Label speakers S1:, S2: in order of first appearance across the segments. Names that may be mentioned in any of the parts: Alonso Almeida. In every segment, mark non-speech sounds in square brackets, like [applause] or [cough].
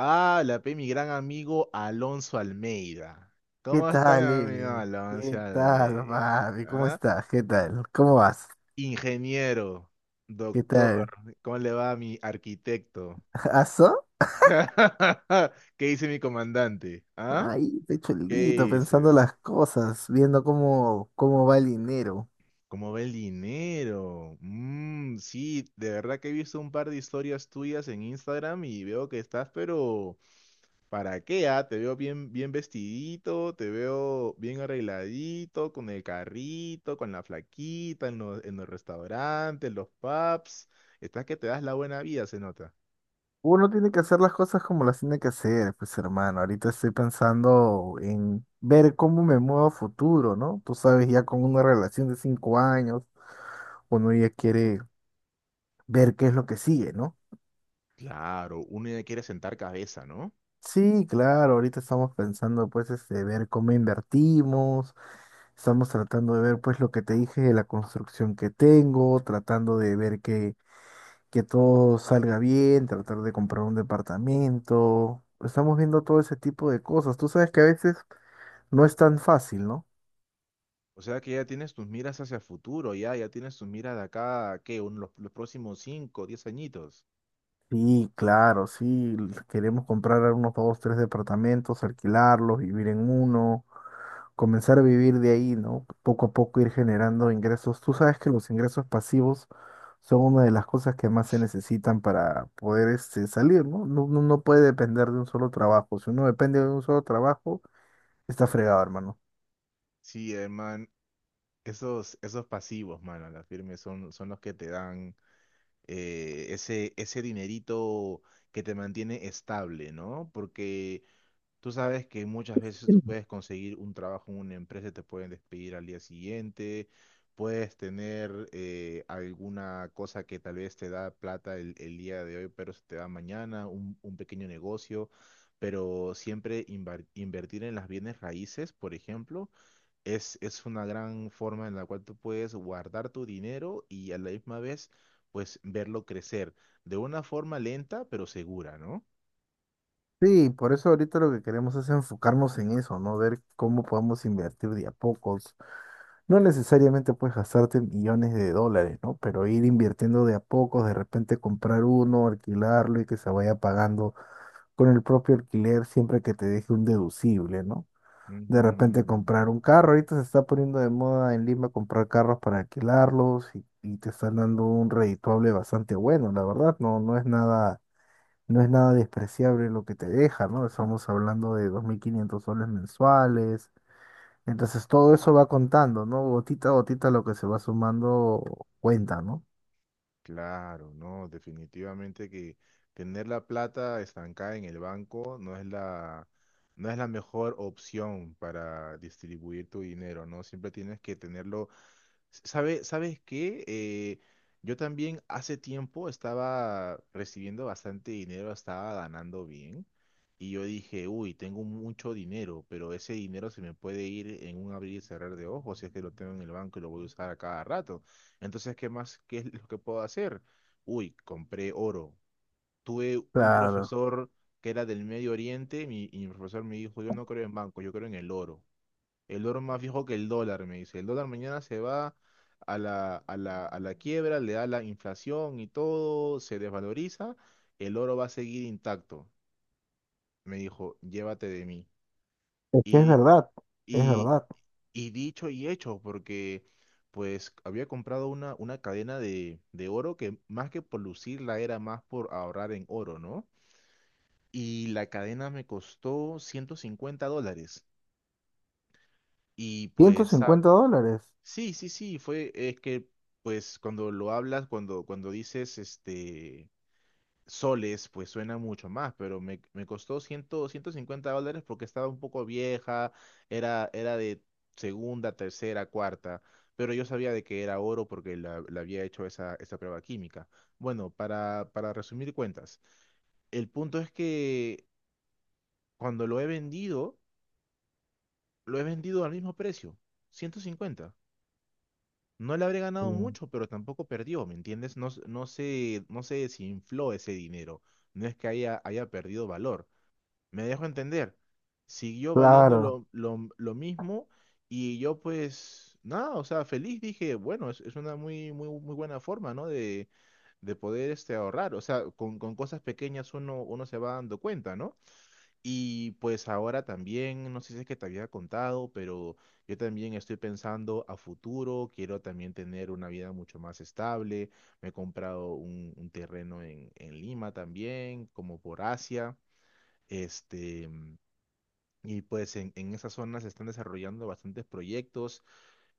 S1: Ah, la pe, mi gran amigo Alonso Almeida.
S2: ¿Qué
S1: ¿Cómo está mi
S2: tal,
S1: amigo
S2: Eli?
S1: Alonso
S2: ¿Qué tal,
S1: Almeida?
S2: papi? ¿Cómo
S1: ¿Ah?
S2: estás? ¿Qué tal? ¿Cómo vas?
S1: Ingeniero,
S2: ¿Qué
S1: doctor,
S2: tal?
S1: ¿cómo le va a mi arquitecto?
S2: [laughs] ¿Aso?
S1: [laughs] ¿Qué dice mi comandante? ¿Ah?
S2: Ahí,
S1: ¿Qué
S2: pechuelito, pensando
S1: dice?
S2: las cosas, viendo cómo va el dinero.
S1: ¿Cómo ve el dinero? Mm, sí, de verdad que he visto un par de historias tuyas en Instagram y veo que estás, pero ¿para qué? ¿Ah? Te veo bien, bien vestidito, te veo bien arregladito, con el carrito, con la flaquita, en los, restaurantes, en los pubs. Estás que te das la buena vida, se nota.
S2: Uno tiene que hacer las cosas como las tiene que hacer, pues hermano. Ahorita estoy pensando en ver cómo me muevo a futuro, ¿no? Tú sabes, ya con una relación de 5 años, uno ya quiere ver qué es lo que sigue, ¿no?
S1: Claro, uno ya quiere sentar cabeza, ¿no?
S2: Sí, claro, ahorita estamos pensando ver cómo invertimos, estamos tratando de ver pues lo que te dije de la construcción que tengo, tratando de ver que todo salga bien, tratar de comprar un departamento, estamos viendo todo ese tipo de cosas. Tú sabes que a veces no es tan fácil, ¿no?
S1: O sea que ya tienes tus miras hacia el futuro, ya, tienes tus miras de acá, a, ¿qué? Los próximos 5, 10 añitos.
S2: Sí, claro, sí, queremos comprar unos dos, tres departamentos, alquilarlos, vivir en uno, comenzar a vivir de ahí, ¿no? Poco a poco ir generando ingresos. Tú sabes que los ingresos pasivos son una de las cosas que más se necesitan para poder salir, ¿no? No puede depender de un solo trabajo. Si uno depende de un solo trabajo, está fregado, hermano.
S1: Sí, hermano, esos, pasivos, mano, a la firme son los que te dan ese dinerito que te mantiene estable, ¿no? Porque tú sabes que muchas veces tú puedes conseguir un trabajo en una empresa y te pueden despedir al día siguiente, puedes tener alguna cosa que tal vez te da plata el, día de hoy, pero se te da mañana, un pequeño negocio, pero siempre invertir en las bienes raíces, por ejemplo. es una gran forma en la cual tú puedes guardar tu dinero y a la misma vez, pues verlo crecer de una forma lenta pero segura, ¿no?
S2: Sí, por eso ahorita lo que queremos es enfocarnos en eso, ¿no? Ver cómo podemos invertir de a pocos. No necesariamente puedes gastarte millones de dólares, ¿no? Pero ir invirtiendo de a pocos, de repente comprar uno, alquilarlo y que se vaya pagando con el propio alquiler siempre que te deje un deducible, ¿no?
S1: Ujú.
S2: De repente comprar un carro, ahorita se está poniendo de moda en Lima comprar carros para alquilarlos y te están dando un redituable bastante bueno, la verdad, no es nada, no es nada despreciable lo que te deja, ¿no? Estamos hablando de 2500 soles mensuales, entonces todo eso va contando, ¿no? Gotita a gotita lo que se va sumando cuenta, ¿no?
S1: Claro, no, definitivamente que tener la plata estancada en el banco no es la mejor opción para distribuir tu dinero, ¿no? Siempre tienes que tenerlo. ¿Sabes qué? Yo también hace tiempo estaba recibiendo bastante dinero, estaba ganando bien. Y yo dije, uy, tengo mucho dinero, pero ese dinero se me puede ir en un abrir y cerrar de ojos si es que lo tengo en el banco y lo voy a usar a cada rato. Entonces, ¿qué más? ¿Qué es lo que puedo hacer? Uy, compré oro. Tuve un
S2: Claro,
S1: profesor que era del Medio Oriente y mi profesor me dijo, yo no creo en banco, yo creo en el oro. El oro más viejo que el dólar, me dice. El dólar mañana se va a la, quiebra, le da la inflación y todo, se desvaloriza. El oro va a seguir intacto. Me dijo, llévate de mí.
S2: es que es
S1: Y,
S2: verdad, es
S1: y,
S2: verdad.
S1: Y dicho y hecho, porque pues había comprado una, cadena de oro que más que por lucirla era más por ahorrar en oro, ¿no? Y la cadena me costó $150. Y
S2: ciento
S1: pues,
S2: cincuenta dólares.
S1: sí, sí, sí, fue, es que pues cuando lo hablas, cuando, dices, este, soles, pues suena mucho más, pero me costó cien, $150 porque estaba un poco vieja, era de segunda, tercera, cuarta, pero yo sabía de que era oro porque la, había hecho esa prueba química. Bueno, para resumir cuentas, el punto es que cuando lo he vendido al mismo precio, 150. No le habré
S2: Sí.
S1: ganado mucho, pero tampoco perdió, ¿me entiendes? No, no se, desinfló ese dinero. No es que haya perdido valor. Me dejo entender. Siguió valiendo
S2: Claro.
S1: lo mismo, y yo pues nada, o sea, feliz dije, bueno, es, una muy, muy, muy buena forma, ¿no? de, poder este, ahorrar. O sea, con, cosas pequeñas uno se va dando cuenta, ¿no? Y pues ahora también, no sé si es que te había contado, pero yo también estoy pensando a futuro, quiero también tener una vida mucho más estable. Me he comprado un, terreno en Lima también, como por Asia. Este. Y pues en esa zona se están desarrollando bastantes proyectos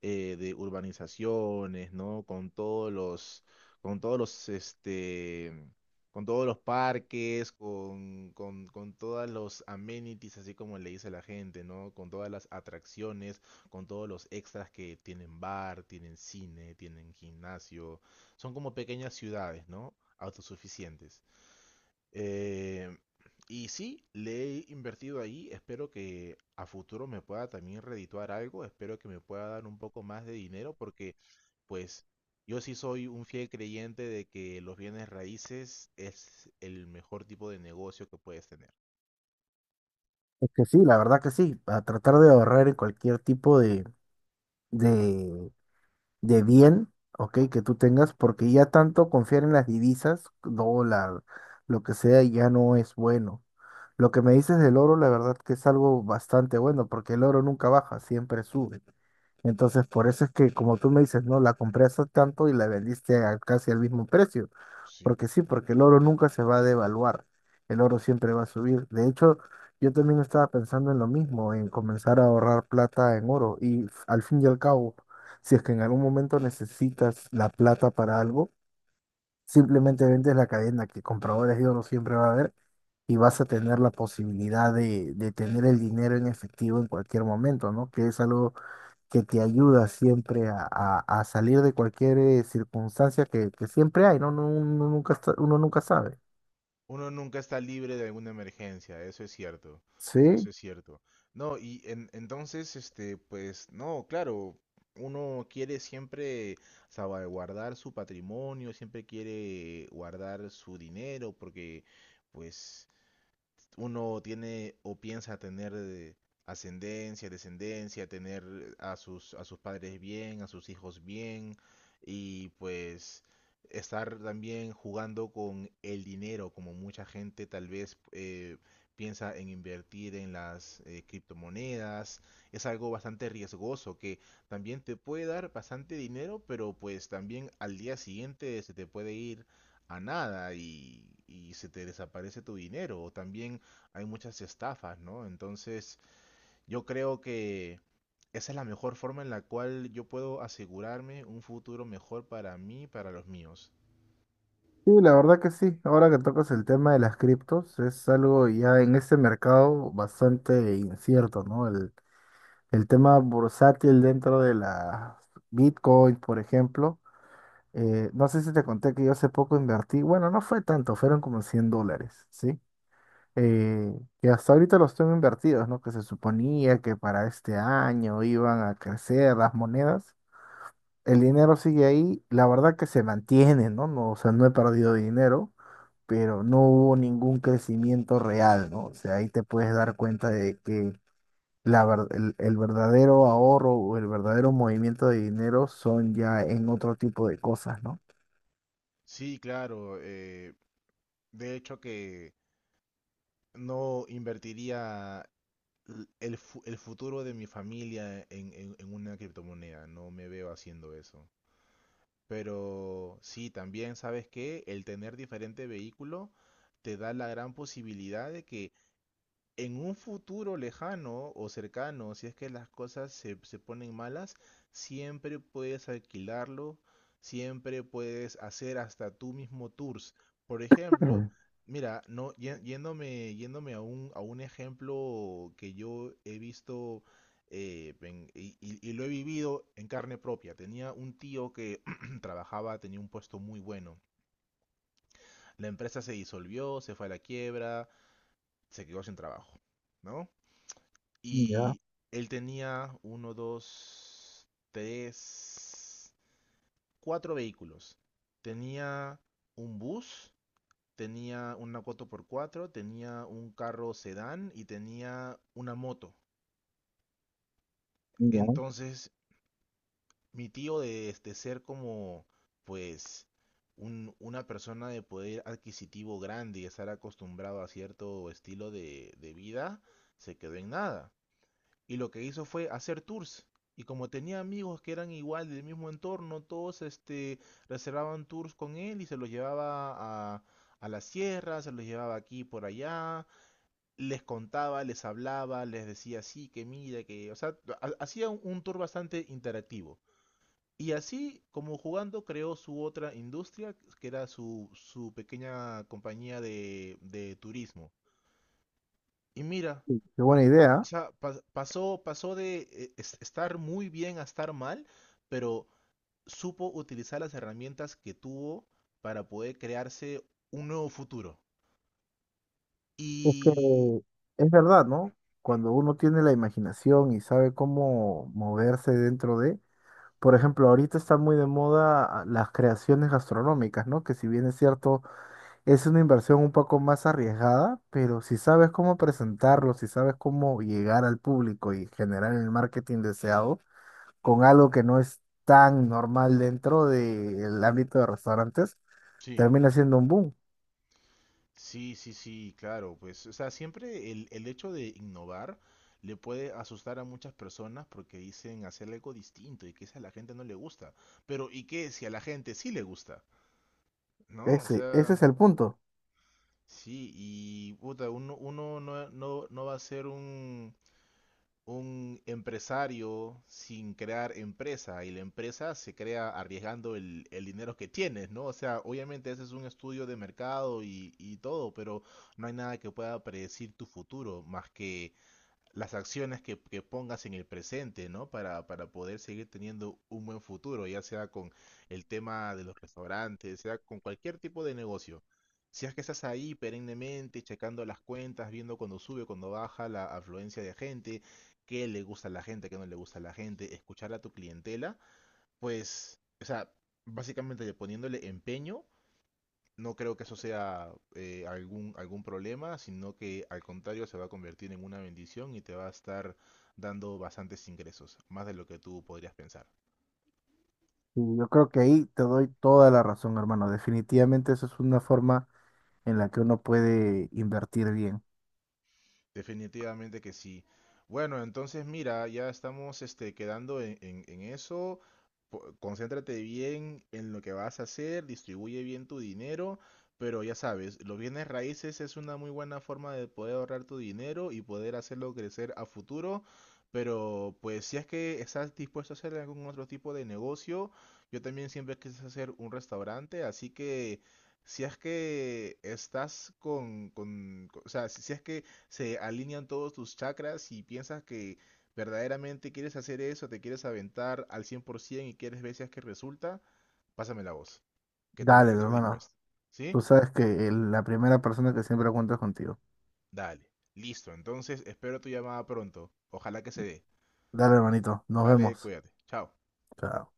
S1: de urbanizaciones, ¿no? Con todos los, con todos los, este, con todos los parques, con todas los amenities, así como le dice la gente, ¿no? Con todas las atracciones, con todos los extras que tienen bar, tienen cine, tienen gimnasio. Son como pequeñas ciudades, ¿no? Autosuficientes. Eh, y sí, le he invertido ahí. Espero que a futuro me pueda también redituar algo. Espero que me pueda dar un poco más de dinero porque, pues, yo sí soy un fiel creyente de que los bienes raíces es el mejor tipo de negocio que puedes tener.
S2: Es que sí, la verdad que sí, a tratar de ahorrar en cualquier tipo de, de bien, ok, que tú tengas, porque ya tanto confiar en las divisas, dólar, lo que sea, ya no es bueno. Lo que me dices del oro, la verdad que es algo bastante bueno, porque el oro nunca baja, siempre sube. Entonces, por eso es que, como tú me dices, no, la compré hace tanto y la vendiste a casi al mismo precio.
S1: Sí.
S2: Porque sí, porque el oro nunca se va a devaluar. El oro siempre va a subir. De hecho, yo también estaba pensando en lo mismo, en comenzar a ahorrar plata en oro. Al fin y al cabo, si es que en algún momento necesitas la plata para algo, simplemente vendes la cadena, que compradores de oro siempre va a haber, y vas a tener la posibilidad de tener el dinero en efectivo en cualquier momento, ¿no? Que es algo que te ayuda siempre a salir de cualquier circunstancia que siempre hay, ¿no? Uno nunca está- uno nunca sabe.
S1: Uno nunca está libre de alguna emergencia, eso es cierto,
S2: Sí,
S1: eso es cierto. No, y entonces, este, pues, no, claro, uno quiere siempre salvaguardar su patrimonio, siempre quiere guardar su dinero, porque, pues, uno tiene o piensa tener ascendencia, descendencia, tener a sus, padres bien, a sus hijos bien y pues estar también jugando con el dinero, como mucha gente tal vez piensa en invertir en las criptomonedas. Es algo bastante riesgoso que también te puede dar bastante dinero, pero pues también al día siguiente se te puede ir a nada y se te desaparece tu dinero. O también hay muchas estafas, ¿no? Entonces, yo creo que esa es la mejor forma en la cual yo puedo asegurarme un futuro mejor para mí y para los míos.
S2: sí, la verdad que sí. Ahora que tocas el tema de las criptos, es algo ya en este mercado bastante incierto, ¿no? El tema bursátil dentro de la Bitcoin, por ejemplo. No sé si te conté que yo hace poco invertí, bueno, no fue tanto, fueron como 100 dólares, ¿sí? eh, que hasta ahorita los tengo invertidos, ¿no? Que se suponía que para este año iban a crecer las monedas. El dinero sigue ahí, la verdad que se mantiene, ¿no? No, o sea, no he perdido dinero, pero no hubo ningún crecimiento real, ¿no? O sea, ahí te puedes dar cuenta de que el verdadero ahorro o el verdadero movimiento de dinero son ya en otro tipo de cosas, ¿no?
S1: Sí, claro, de hecho que no invertiría el futuro de mi familia en una criptomoneda, no me veo haciendo eso. Pero sí, también sabes que el tener diferente vehículo te da la gran posibilidad de que en un futuro lejano o cercano, si es que las cosas se, ponen malas, siempre puedes alquilarlo, siempre puedes hacer hasta tú mismo tours. Por ejemplo,
S2: Mm.
S1: mira, no, yéndome a un ejemplo que yo he visto y lo he vivido en carne propia. Tenía un tío que [clears throat] trabajaba, tenía un puesto muy bueno. La empresa se disolvió, se fue a la quiebra, se quedó sin trabajo, ¿no?
S2: Ya,
S1: Y él tenía uno, dos, tres, cuatro vehículos. Tenía un bus, tenía una 4 por cuatro, tenía un carro sedán y tenía una moto.
S2: ya.
S1: Entonces, mi tío de, ser como, pues, una persona de poder adquisitivo grande y estar acostumbrado a cierto estilo de vida, se quedó en nada. Y lo que hizo fue hacer tours. Y como tenía amigos que eran igual del mismo entorno, todos este, reservaban tours con él y se los llevaba a, la sierra, se los llevaba aquí por allá, les contaba, les hablaba, les decía sí, que mira, que... O sea, hacía un, tour bastante interactivo. Y así, como jugando, creó su otra industria, que era su, pequeña compañía de turismo. Y mira,
S2: Sí, qué buena
S1: o
S2: idea.
S1: sea, pasó de estar muy bien a estar mal, pero supo utilizar las herramientas que tuvo para poder crearse un nuevo futuro.
S2: Es que
S1: Y
S2: es verdad, ¿no? Cuando uno tiene la imaginación y sabe cómo moverse dentro de, por ejemplo, ahorita está muy de moda las creaciones gastronómicas, ¿no? Que si bien es cierto, es una inversión un poco más arriesgada, pero si sabes cómo presentarlo, si sabes cómo llegar al público y generar el marketing deseado con algo que no es tan normal dentro del ámbito de restaurantes,
S1: sí,
S2: termina siendo un boom.
S1: sí, sí, sí, claro, pues, o sea, siempre el, hecho de innovar le puede asustar a muchas personas porque dicen hacer algo distinto y que eso a la gente no le gusta. Pero, ¿y qué si a la gente sí le gusta? ¿No? O
S2: Ese
S1: sea,
S2: es el punto.
S1: sí, y puta, uno, no va a ser un empresario sin crear empresa, y la empresa se crea arriesgando el dinero que tienes, ¿no? O sea, obviamente ese es un estudio de mercado y todo, pero no hay nada que pueda predecir tu futuro más que las acciones que, pongas en el presente, ¿no? para poder seguir teniendo un buen futuro, ya sea con el tema de los restaurantes, sea con cualquier tipo de negocio. Si es que estás ahí perennemente checando las cuentas, viendo cuando sube, cuando baja la afluencia de gente, qué le gusta a la gente, qué no le gusta a la gente, escuchar a tu clientela, pues, o sea, básicamente poniéndole empeño, no creo que eso sea algún, problema, sino que al contrario se va a convertir en una bendición y te va a estar dando bastantes ingresos, más de lo que tú podrías pensar.
S2: Y yo creo que ahí te doy toda la razón, hermano. Definitivamente esa es una forma en la que uno puede invertir bien.
S1: Definitivamente que sí. Bueno, entonces mira, ya estamos este, quedando en eso. Concéntrate bien en lo que vas a hacer, distribuye bien tu dinero, pero ya sabes, los bienes raíces es una muy buena forma de poder ahorrar tu dinero y poder hacerlo crecer a futuro. Pero pues si es que estás dispuesto a hacer algún otro tipo de negocio, yo también siempre quise hacer un restaurante, así que si es que estás con o sea, si es que se alinean todos tus chakras y piensas que verdaderamente quieres hacer eso, te quieres aventar al 100% y quieres ver si es que resulta, pásame la voz, que
S2: Dale,
S1: también estoy
S2: hermano.
S1: dispuesto.
S2: Tú
S1: ¿Sí?
S2: sabes que la primera persona que siempre cuenta es contigo.
S1: Dale. Listo. Entonces, espero tu llamada pronto. Ojalá que se dé.
S2: Dale, hermanito. Nos
S1: Dale,
S2: vemos.
S1: cuídate. Chao.
S2: Chao.